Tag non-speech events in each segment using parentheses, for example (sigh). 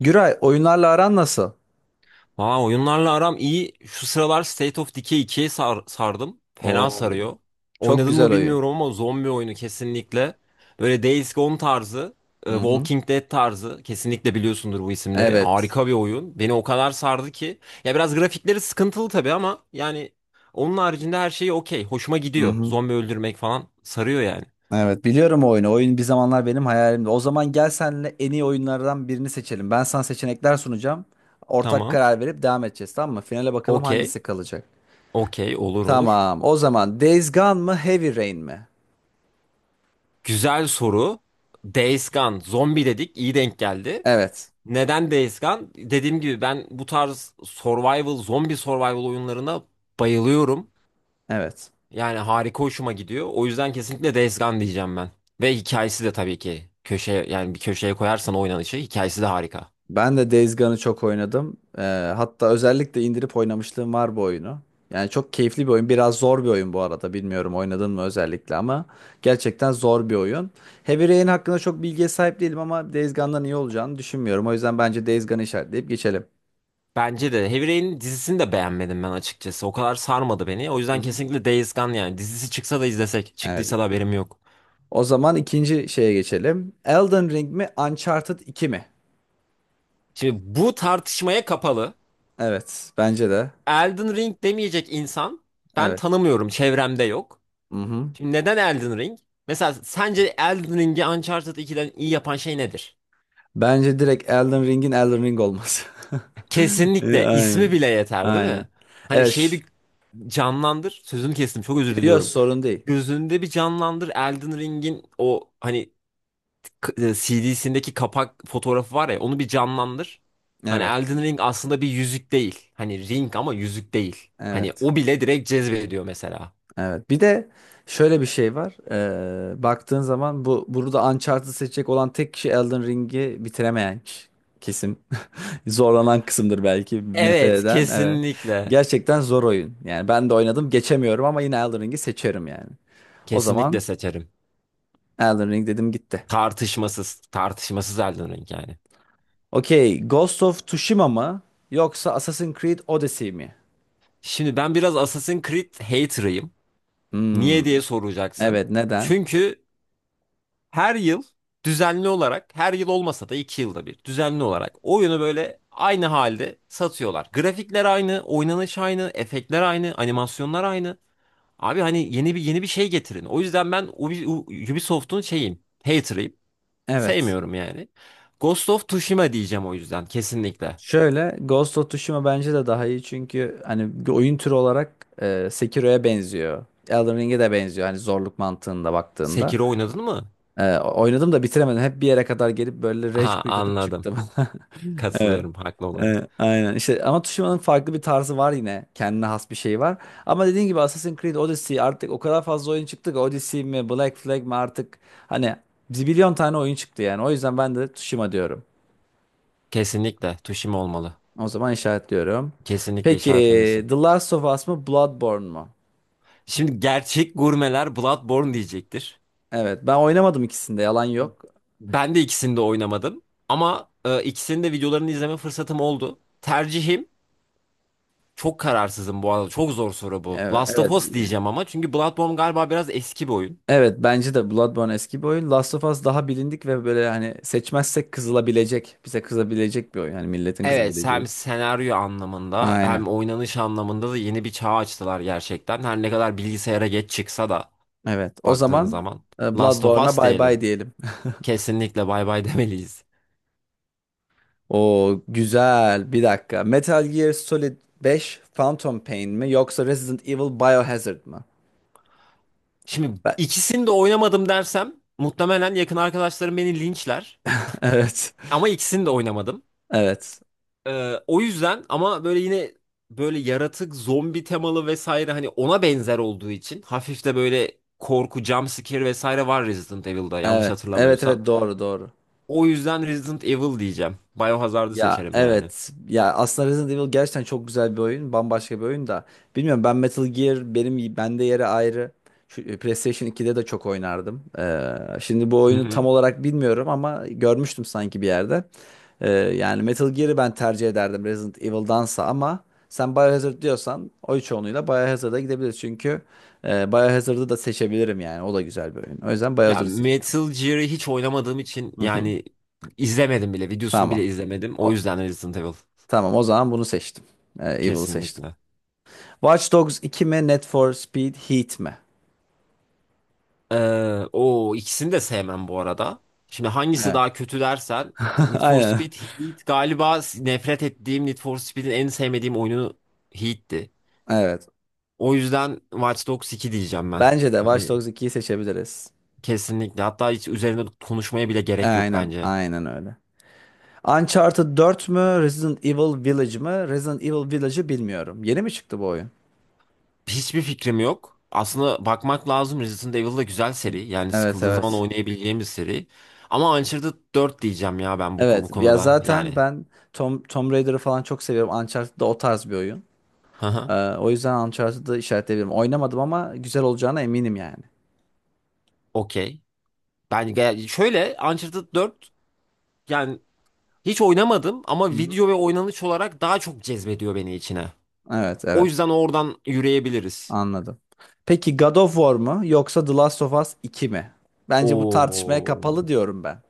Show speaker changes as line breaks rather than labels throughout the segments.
Güray, oyunlarla aran nasıl?
Aa, oyunlarla aram iyi. Şu sıralar State of Decay 2'ye sardım. Fena
Oo.
sarıyor.
Çok
Oynadın mı
güzel oyun.
bilmiyorum ama zombi oyunu kesinlikle. Böyle Days Gone tarzı,
Hı hı.
Walking Dead tarzı. Kesinlikle biliyorsundur bu isimleri.
Evet.
Harika bir oyun. Beni o kadar sardı ki. Ya biraz grafikleri sıkıntılı tabii ama yani onun haricinde her şey okey. Hoşuma
Hı
gidiyor.
hı.
Zombi öldürmek falan sarıyor yani.
Evet, biliyorum o oyunu. Oyun bir zamanlar benim hayalimdi. O zaman gel senle en iyi oyunlardan birini seçelim. Ben sana seçenekler sunacağım. Ortak
Tamam.
karar verip devam edeceğiz, tamam mı? Finale bakalım
Okey.
hangisi kalacak.
Okey. Olur olur.
Tamam. O zaman Days Gone mı Heavy Rain mi?
Güzel soru. Days Gone. Zombi dedik. İyi denk geldi.
Evet.
Neden Days Gone? Dediğim gibi ben bu tarz survival, zombi survival oyunlarına bayılıyorum.
Evet.
Yani harika hoşuma gidiyor. O yüzden kesinlikle Days Gone diyeceğim ben. Ve hikayesi de tabii ki köşeye yani bir köşeye koyarsan oynanışı hikayesi de harika.
Ben de Days Gone'ı çok oynadım. Hatta özellikle indirip oynamışlığım var bu oyunu. Yani çok keyifli bir oyun. Biraz zor bir oyun bu arada. Bilmiyorum oynadın mı özellikle ama gerçekten zor bir oyun. Heavy Rain hakkında çok bilgiye sahip değilim ama Days Gone'dan iyi olacağını düşünmüyorum. O yüzden bence Days Gone'ı işaretleyip geçelim.
Bence de Heavy Rain'in dizisini de beğenmedim ben açıkçası. O kadar sarmadı beni. O
Hı
yüzden
hı.
kesinlikle Days Gone, yani dizisi çıksa da izlesek,
Evet.
çıktıysa da haberim yok.
O zaman ikinci şeye geçelim. Elden Ring mi, Uncharted 2 mi?
Şimdi bu tartışmaya kapalı.
Evet, bence de.
Elden Ring demeyecek insan ben
Evet.
tanımıyorum. Çevremde yok.
Mhm.
Şimdi neden Elden Ring? Mesela sence Elden Ring'i Uncharted 2'den iyi yapan şey nedir?
Bence direkt Elden Ring'in Elden Ring olması. (laughs)
Kesinlikle ismi
Aynen.
bile yeter değil
Aynen.
mi? Hani
Evet.
şeyi bir canlandır. Sözünü kestim, çok özür
Yok,
diliyorum.
sorun değil.
Gözünde bir canlandır Elden Ring'in, o hani CD'sindeki kapak fotoğrafı var ya, onu bir canlandır. Hani
Evet.
Elden Ring aslında bir yüzük değil. Hani ring ama yüzük değil. Hani
Evet.
o bile direkt cezbediyor mesela.
Evet. Bir de şöyle bir şey var. Baktığın zaman bu burada Uncharted'ı seçecek olan tek kişi Elden Ring'i bitiremeyen kişi. Kesim. (laughs) Zorlanan kısımdır, belki nefret
Evet,
eden. Evet.
kesinlikle.
Gerçekten zor oyun. Yani ben de oynadım, geçemiyorum ama yine Elden Ring'i seçerim yani. O
Kesinlikle
zaman
seçerim.
Elden Ring dedim gitti.
Tartışmasız, tartışmasız Elden Ring yani.
Okey, Ghost of Tsushima mı yoksa Assassin's Creed Odyssey mi?
Şimdi ben biraz Assassin's Creed hater'ıyım.
Hmm,
Niye diye soracaksın.
evet, neden?
Çünkü her yıl düzenli olarak, her yıl olmasa da iki yılda bir düzenli olarak oyunu böyle aynı halde satıyorlar. Grafikler aynı, oynanış aynı, efektler aynı, animasyonlar aynı. Abi hani yeni bir yeni bir şey getirin. O yüzden ben Ubisoft'un şeyim, hater'ıyım.
Evet.
Sevmiyorum yani. Ghost of Tsushima diyeceğim o yüzden kesinlikle.
Şöyle, Ghost of Tsushima bence de daha iyi çünkü hani bir oyun türü olarak Sekiro'ya benziyor. Elden Ring'e de benziyor hani zorluk mantığında baktığında.
Sekiro oynadın mı?
Oynadım da bitiremedim. Hep bir yere kadar gelip böyle rage
Aha,
quit atıp
anladım.
çıktım. (laughs) Evet.
Katılıyorum haklı olarak.
Evet, aynen işte ama Tsushima'nın farklı bir tarzı var, yine kendine has bir şey var ama dediğin gibi Assassin's Creed Odyssey artık o kadar fazla oyun çıktı ki, Odyssey mi Black Flag mi artık, hani zibilyon tane oyun çıktı yani. O yüzden ben de Tsushima diyorum.
Kesinlikle tuşim olmalı.
O zaman işaretliyorum.
Kesinlikle
Peki,
işaretlemesin.
The Last of Us mı Bloodborne mu?
Şimdi gerçek gurmeler Bloodborne diyecektir.
Evet, ben oynamadım ikisinde, yalan yok.
Ben de ikisini de oynamadım. Ama ikisinin de videolarını izleme fırsatım oldu. Tercihim çok kararsızım bu arada. Çok zor soru bu.
Evet,
Last of
evet.
Us diyeceğim ama, çünkü Bloodborne galiba biraz eski bir oyun.
Evet, bence de Bloodborne eski bir oyun, Last of Us daha bilindik ve böyle hani seçmezsek kızılabilecek, bize kızabilecek bir oyun, hani milletin
Evet,
kızabileceği.
hem senaryo anlamında
Aynen.
hem oynanış anlamında da yeni bir çağ açtılar gerçekten. Her ne kadar bilgisayara geç çıksa da.
Evet. O
Baktığın
zaman
zaman. Last of
Bloodborne'a
Us
bay
diyelim.
bay diyelim. (laughs)
Kesinlikle bay bay (laughs) demeliyiz.
O güzel. Bir dakika. Metal Gear Solid 5, Phantom Pain mi yoksa Resident Evil Biohazard mı?
Şimdi
Ben-
ikisini de oynamadım dersem muhtemelen yakın arkadaşlarım beni linçler.
(laughs) Evet.
Ama ikisini de oynamadım.
Evet.
O yüzden ama böyle yine böyle yaratık, zombi temalı vesaire, hani ona benzer olduğu için, hafif de böyle korku, jump scare vesaire var Resident Evil'da, yanlış
Evet. Evet,
hatırlamıyorsam.
evet, doğru doğru.
O yüzden Resident Evil diyeceğim. Biohazard'ı
Ya
seçerim yani.
evet. Ya aslında Resident Evil gerçekten çok güzel bir oyun. Bambaşka bir oyun da. Bilmiyorum, ben Metal Gear, benim bende yeri ayrı. Şu PlayStation 2'de de çok oynardım. Şimdi bu
Hı
oyunu tam
hı.
olarak bilmiyorum ama görmüştüm sanki bir yerde. Yani Metal Gear'ı ben tercih ederdim Resident Evil'dansa ama sen Biohazard diyorsan oy çoğunluğuyla Biohazard'a gidebiliriz. Çünkü Biohazard'ı da seçebilirim yani. O da güzel bir oyun. O yüzden
Ya
Biohazard'ı seçeceğim.
Metal Gear'ı hiç oynamadığım için
Hı hı.
yani izlemedim bile. Videosunu bile
Tamam.
izlemedim. O
O,
yüzden Resident Evil.
tamam, o zaman bunu seçtim. Evil'ı seçtim.
Kesinlikle.
Watch Dogs 2 mi? Need for Speed Heat mi?
Ee, o ikisini de sevmem bu arada. Şimdi hangisi
Evet.
daha kötü dersen,
(laughs)
Need for
Aynen.
Speed Heat galiba, nefret ettiğim Need for Speed'in en sevmediğim oyunu Heat'ti.
Evet.
O yüzden Watch Dogs 2 diyeceğim ben.
Bence de Watch
Hani,
Dogs 2'yi seçebiliriz.
kesinlikle. Hatta hiç üzerine konuşmaya bile gerek yok
Aynen.
bence.
Aynen öyle. Uncharted 4 mü? Resident Evil Village mı? Resident Evil Village'ı bilmiyorum. Yeni mi çıktı bu oyun?
Hiçbir fikrim yok. Aslında bakmak lazım. Resident Evil da güzel seri. Yani
Evet,
sıkıldığın zaman
evet.
oynayabileceğim bir seri. Ama Uncharted 4 diyeceğim ya ben
Evet.
bu
Ya
konuda.
zaten
Yani.
ben Tomb Raider'ı falan çok seviyorum. Uncharted da o tarz bir oyun.
Hı hı.
O yüzden Uncharted'ı işaretleyebilirim. Oynamadım ama güzel olacağına eminim yani.
Okey. Ben şöyle Uncharted 4. Yani hiç oynamadım ama
Hı hı.
video ve oynanış olarak daha çok cezbediyor beni içine.
Evet,
O
evet.
yüzden oradan yürüyebiliriz.
Anladım. Peki, God of War mu yoksa The Last of Us 2 mi? Bence bu tartışmaya
Oo.
kapalı, diyorum ben.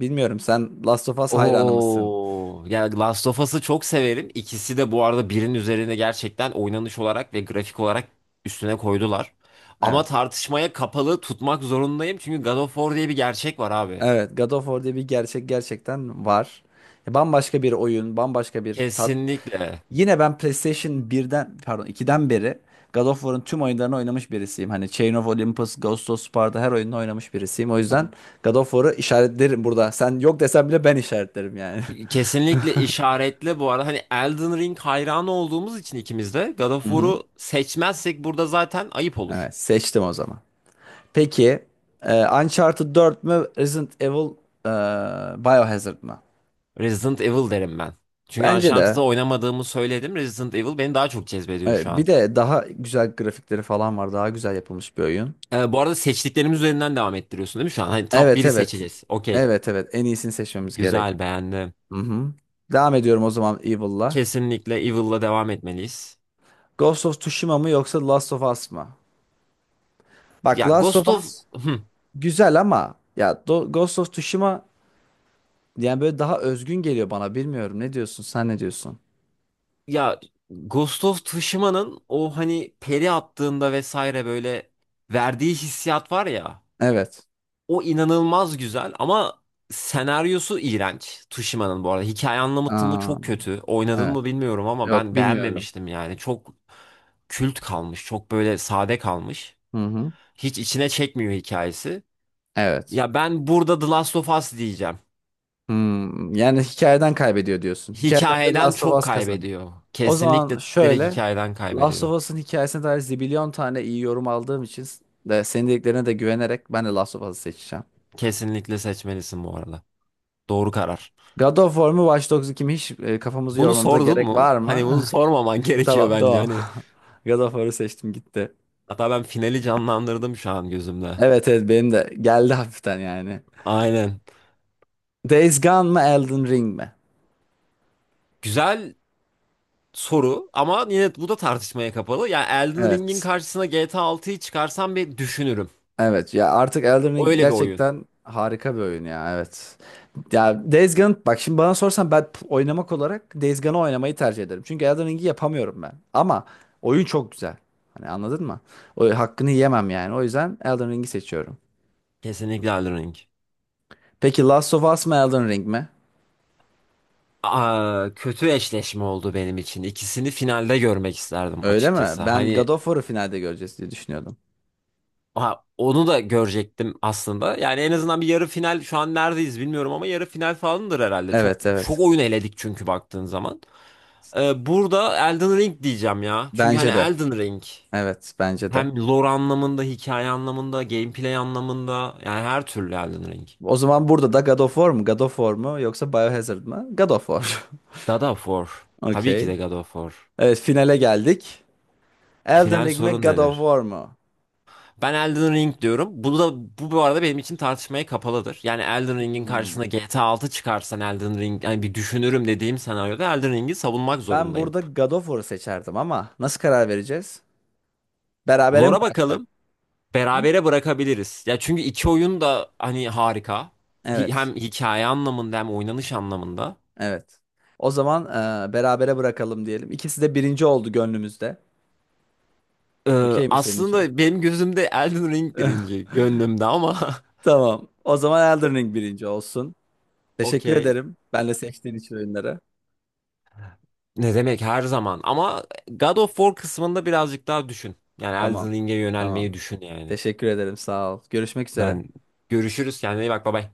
Bilmiyorum, sen Last of Us hayranı mısın?
Oo, yani Last of Us'ı çok severim. İkisi de bu arada birinin üzerine gerçekten oynanış olarak ve grafik olarak üstüne koydular. Ama
Evet.
tartışmaya kapalı tutmak zorundayım, çünkü God of War diye bir gerçek var abi.
Evet, God of War diye bir gerçek gerçekten var. Ya, bambaşka bir oyun, bambaşka bir tat.
Kesinlikle.
Yine ben PlayStation birden, pardon, ikiden beri God of War'ın tüm oyunlarını oynamış birisiyim. Hani Chain of Olympus, Ghost of Sparta, her oyununu oynamış birisiyim. O yüzden God of War'ı işaretlerim burada. Sen yok desen bile ben işaretlerim yani. (laughs)
Kesinlikle işaretle bu arada, hani Elden Ring hayranı olduğumuz için ikimiz de God of
Hı hı.
War'u seçmezsek burada zaten ayıp olur.
Evet, seçtim o zaman. Peki, Uncharted 4 mü Resident Evil e, Biohazard mı?
Resident Evil derim ben. Çünkü
Bence
Uncharted'ı
de.
oynamadığımı söyledim. Resident Evil beni daha çok cezbediyor şu
Bir
an.
de daha güzel grafikleri falan var. Daha güzel yapılmış bir oyun.
Bu arada seçtiklerimiz üzerinden devam ettiriyorsun değil mi şu an? Hani top
Evet,
1'i
evet.
seçeceğiz. Okey.
Evet, evet. En iyisini seçmemiz gerek.
Güzel, beğendim.
Hı hı. Devam ediyorum o zaman Evil'la.
Kesinlikle Evil'la devam etmeliyiz.
Ghost of Tsushima mı yoksa Last of Us mı? Bak,
Ya
Last of
Ghost of...
Us
Hı.
güzel ama ya Ghost of Tsushima yani böyle daha özgün geliyor bana. Bilmiyorum. Ne diyorsun? Sen ne diyorsun?
Ya Ghost of Tsushima'nın o hani peri attığında vesaire böyle verdiği hissiyat var ya.
Evet.
O inanılmaz güzel ama senaryosu iğrenç. Tsushima'nın, bu arada. Hikaye anlatımı
Aa,
çok kötü. Oynadın
evet.
mı bilmiyorum ama
Yok,
ben
bilmiyorum.
beğenmemiştim yani. Çok kült kalmış. Çok böyle sade kalmış.
Hı hı.
Hiç içine çekmiyor hikayesi.
Evet.
Ya ben burada The Last of Us diyeceğim.
Hmm, yani hikayeden kaybediyor diyorsun. Hikayeden de
Hikayeden
Last of
çok
Us kazanıyor.
kaybediyor.
O zaman
Kesinlikle direkt
şöyle.
hikayeden
Last
kaybediyor.
of Us'ın hikayesine dair zibilyon tane iyi yorum aldığım için de senin dediklerine de güvenerek ben de Last of Us'ı seçeceğim.
Kesinlikle seçmelisin bu arada. Doğru karar.
God of War mu Watch Dogs 2 mi, hiç kafamızı
Bunu
yormamıza
sordun
gerek
mu?
var
Hani bunu
mı?
sormaman (laughs)
(laughs)
gerekiyor
Tamam,
bence.
tamam.
Hani,
(laughs) God of War'ı seçtim gitti.
hatta ben finali canlandırdım şu an gözümde.
Evet, evet, benim de geldi hafiften yani.
Aynen.
Days Gone mı Elden Ring mi?
Güzel soru ama yine bu da tartışmaya kapalı. Yani Elden Ring'in
Evet.
karşısına GTA 6'yı çıkarsam bir düşünürüm.
Evet ya, artık Elden Ring
Öyle bir oyun.
gerçekten harika bir oyun ya, evet. Ya Days Gone, bak şimdi bana sorsan ben oynamak olarak Days Gone'ı oynamayı tercih ederim. Çünkü Elden Ring'i yapamıyorum ben. Ama oyun çok güzel. Hani anladın mı? O hakkını yemem yani. O yüzden Elden Ring'i seçiyorum.
Kesinlikle Elden Ring.
Peki, Last of Us mı Elden Ring mi?
Aa, kötü eşleşme oldu benim için. İkisini finalde görmek isterdim
Öyle
açıkçası.
mi? Ben God
Hani,
of War'ı finalde göreceğiz diye düşünüyordum.
ha, onu da görecektim aslında. Yani en azından bir yarı final, şu an neredeyiz bilmiyorum ama yarı final falandır herhalde. Çok
Evet,
çok
evet.
oyun eledik çünkü baktığın zaman. Burada Elden Ring diyeceğim ya. Çünkü hani
Bence de.
Elden Ring
Evet, bence de.
hem lore anlamında, hikaye anlamında, gameplay anlamında, yani her türlü Elden Ring.
O zaman burada da God of War mu? God of War mu? Yoksa Biohazard mı? God of War.
God of War.
(laughs)
Tabii ki
Okey.
de God of War.
Evet, finale geldik. Elden
Final
Ring mi?
sorun
God of
nedir?
War mu?
Ben Elden Ring diyorum. Bu da bu arada benim için tartışmaya kapalıdır. Yani Elden Ring'in karşısına
Hmm.
GTA 6 çıkarsan, Elden Ring yani bir düşünürüm dediğim senaryoda Elden Ring'i savunmak
Ben
zorundayım.
burada God of War'u seçerdim ama nasıl karar vereceğiz? Berabere mi
Lore'a
bıraksak?
bakalım.
Hı?
Berabere bırakabiliriz. Ya çünkü iki oyun da hani harika.
Evet.
Hem hikaye anlamında hem oynanış anlamında.
Evet. O zaman berabere bırakalım diyelim. İkisi de birinci oldu gönlümüzde.
Ee,
Okey mi senin için?
aslında benim gözümde Elden Ring
(laughs)
birinci, gönlümde ama (laughs)
Tamam. O zaman Elden Ring birinci olsun. Teşekkür
okey.
ederim. Ben de seçtiğin için oyunları.
Ne demek, her zaman ama God of War kısmında birazcık daha düşün. Yani
Tamam.
Elden Ring'e
Tamam.
yönelmeyi düşün yani.
Teşekkür ederim. Sağ ol. Görüşmek üzere.
Ben Görüşürüz. Kendine iyi bak. Bay bay.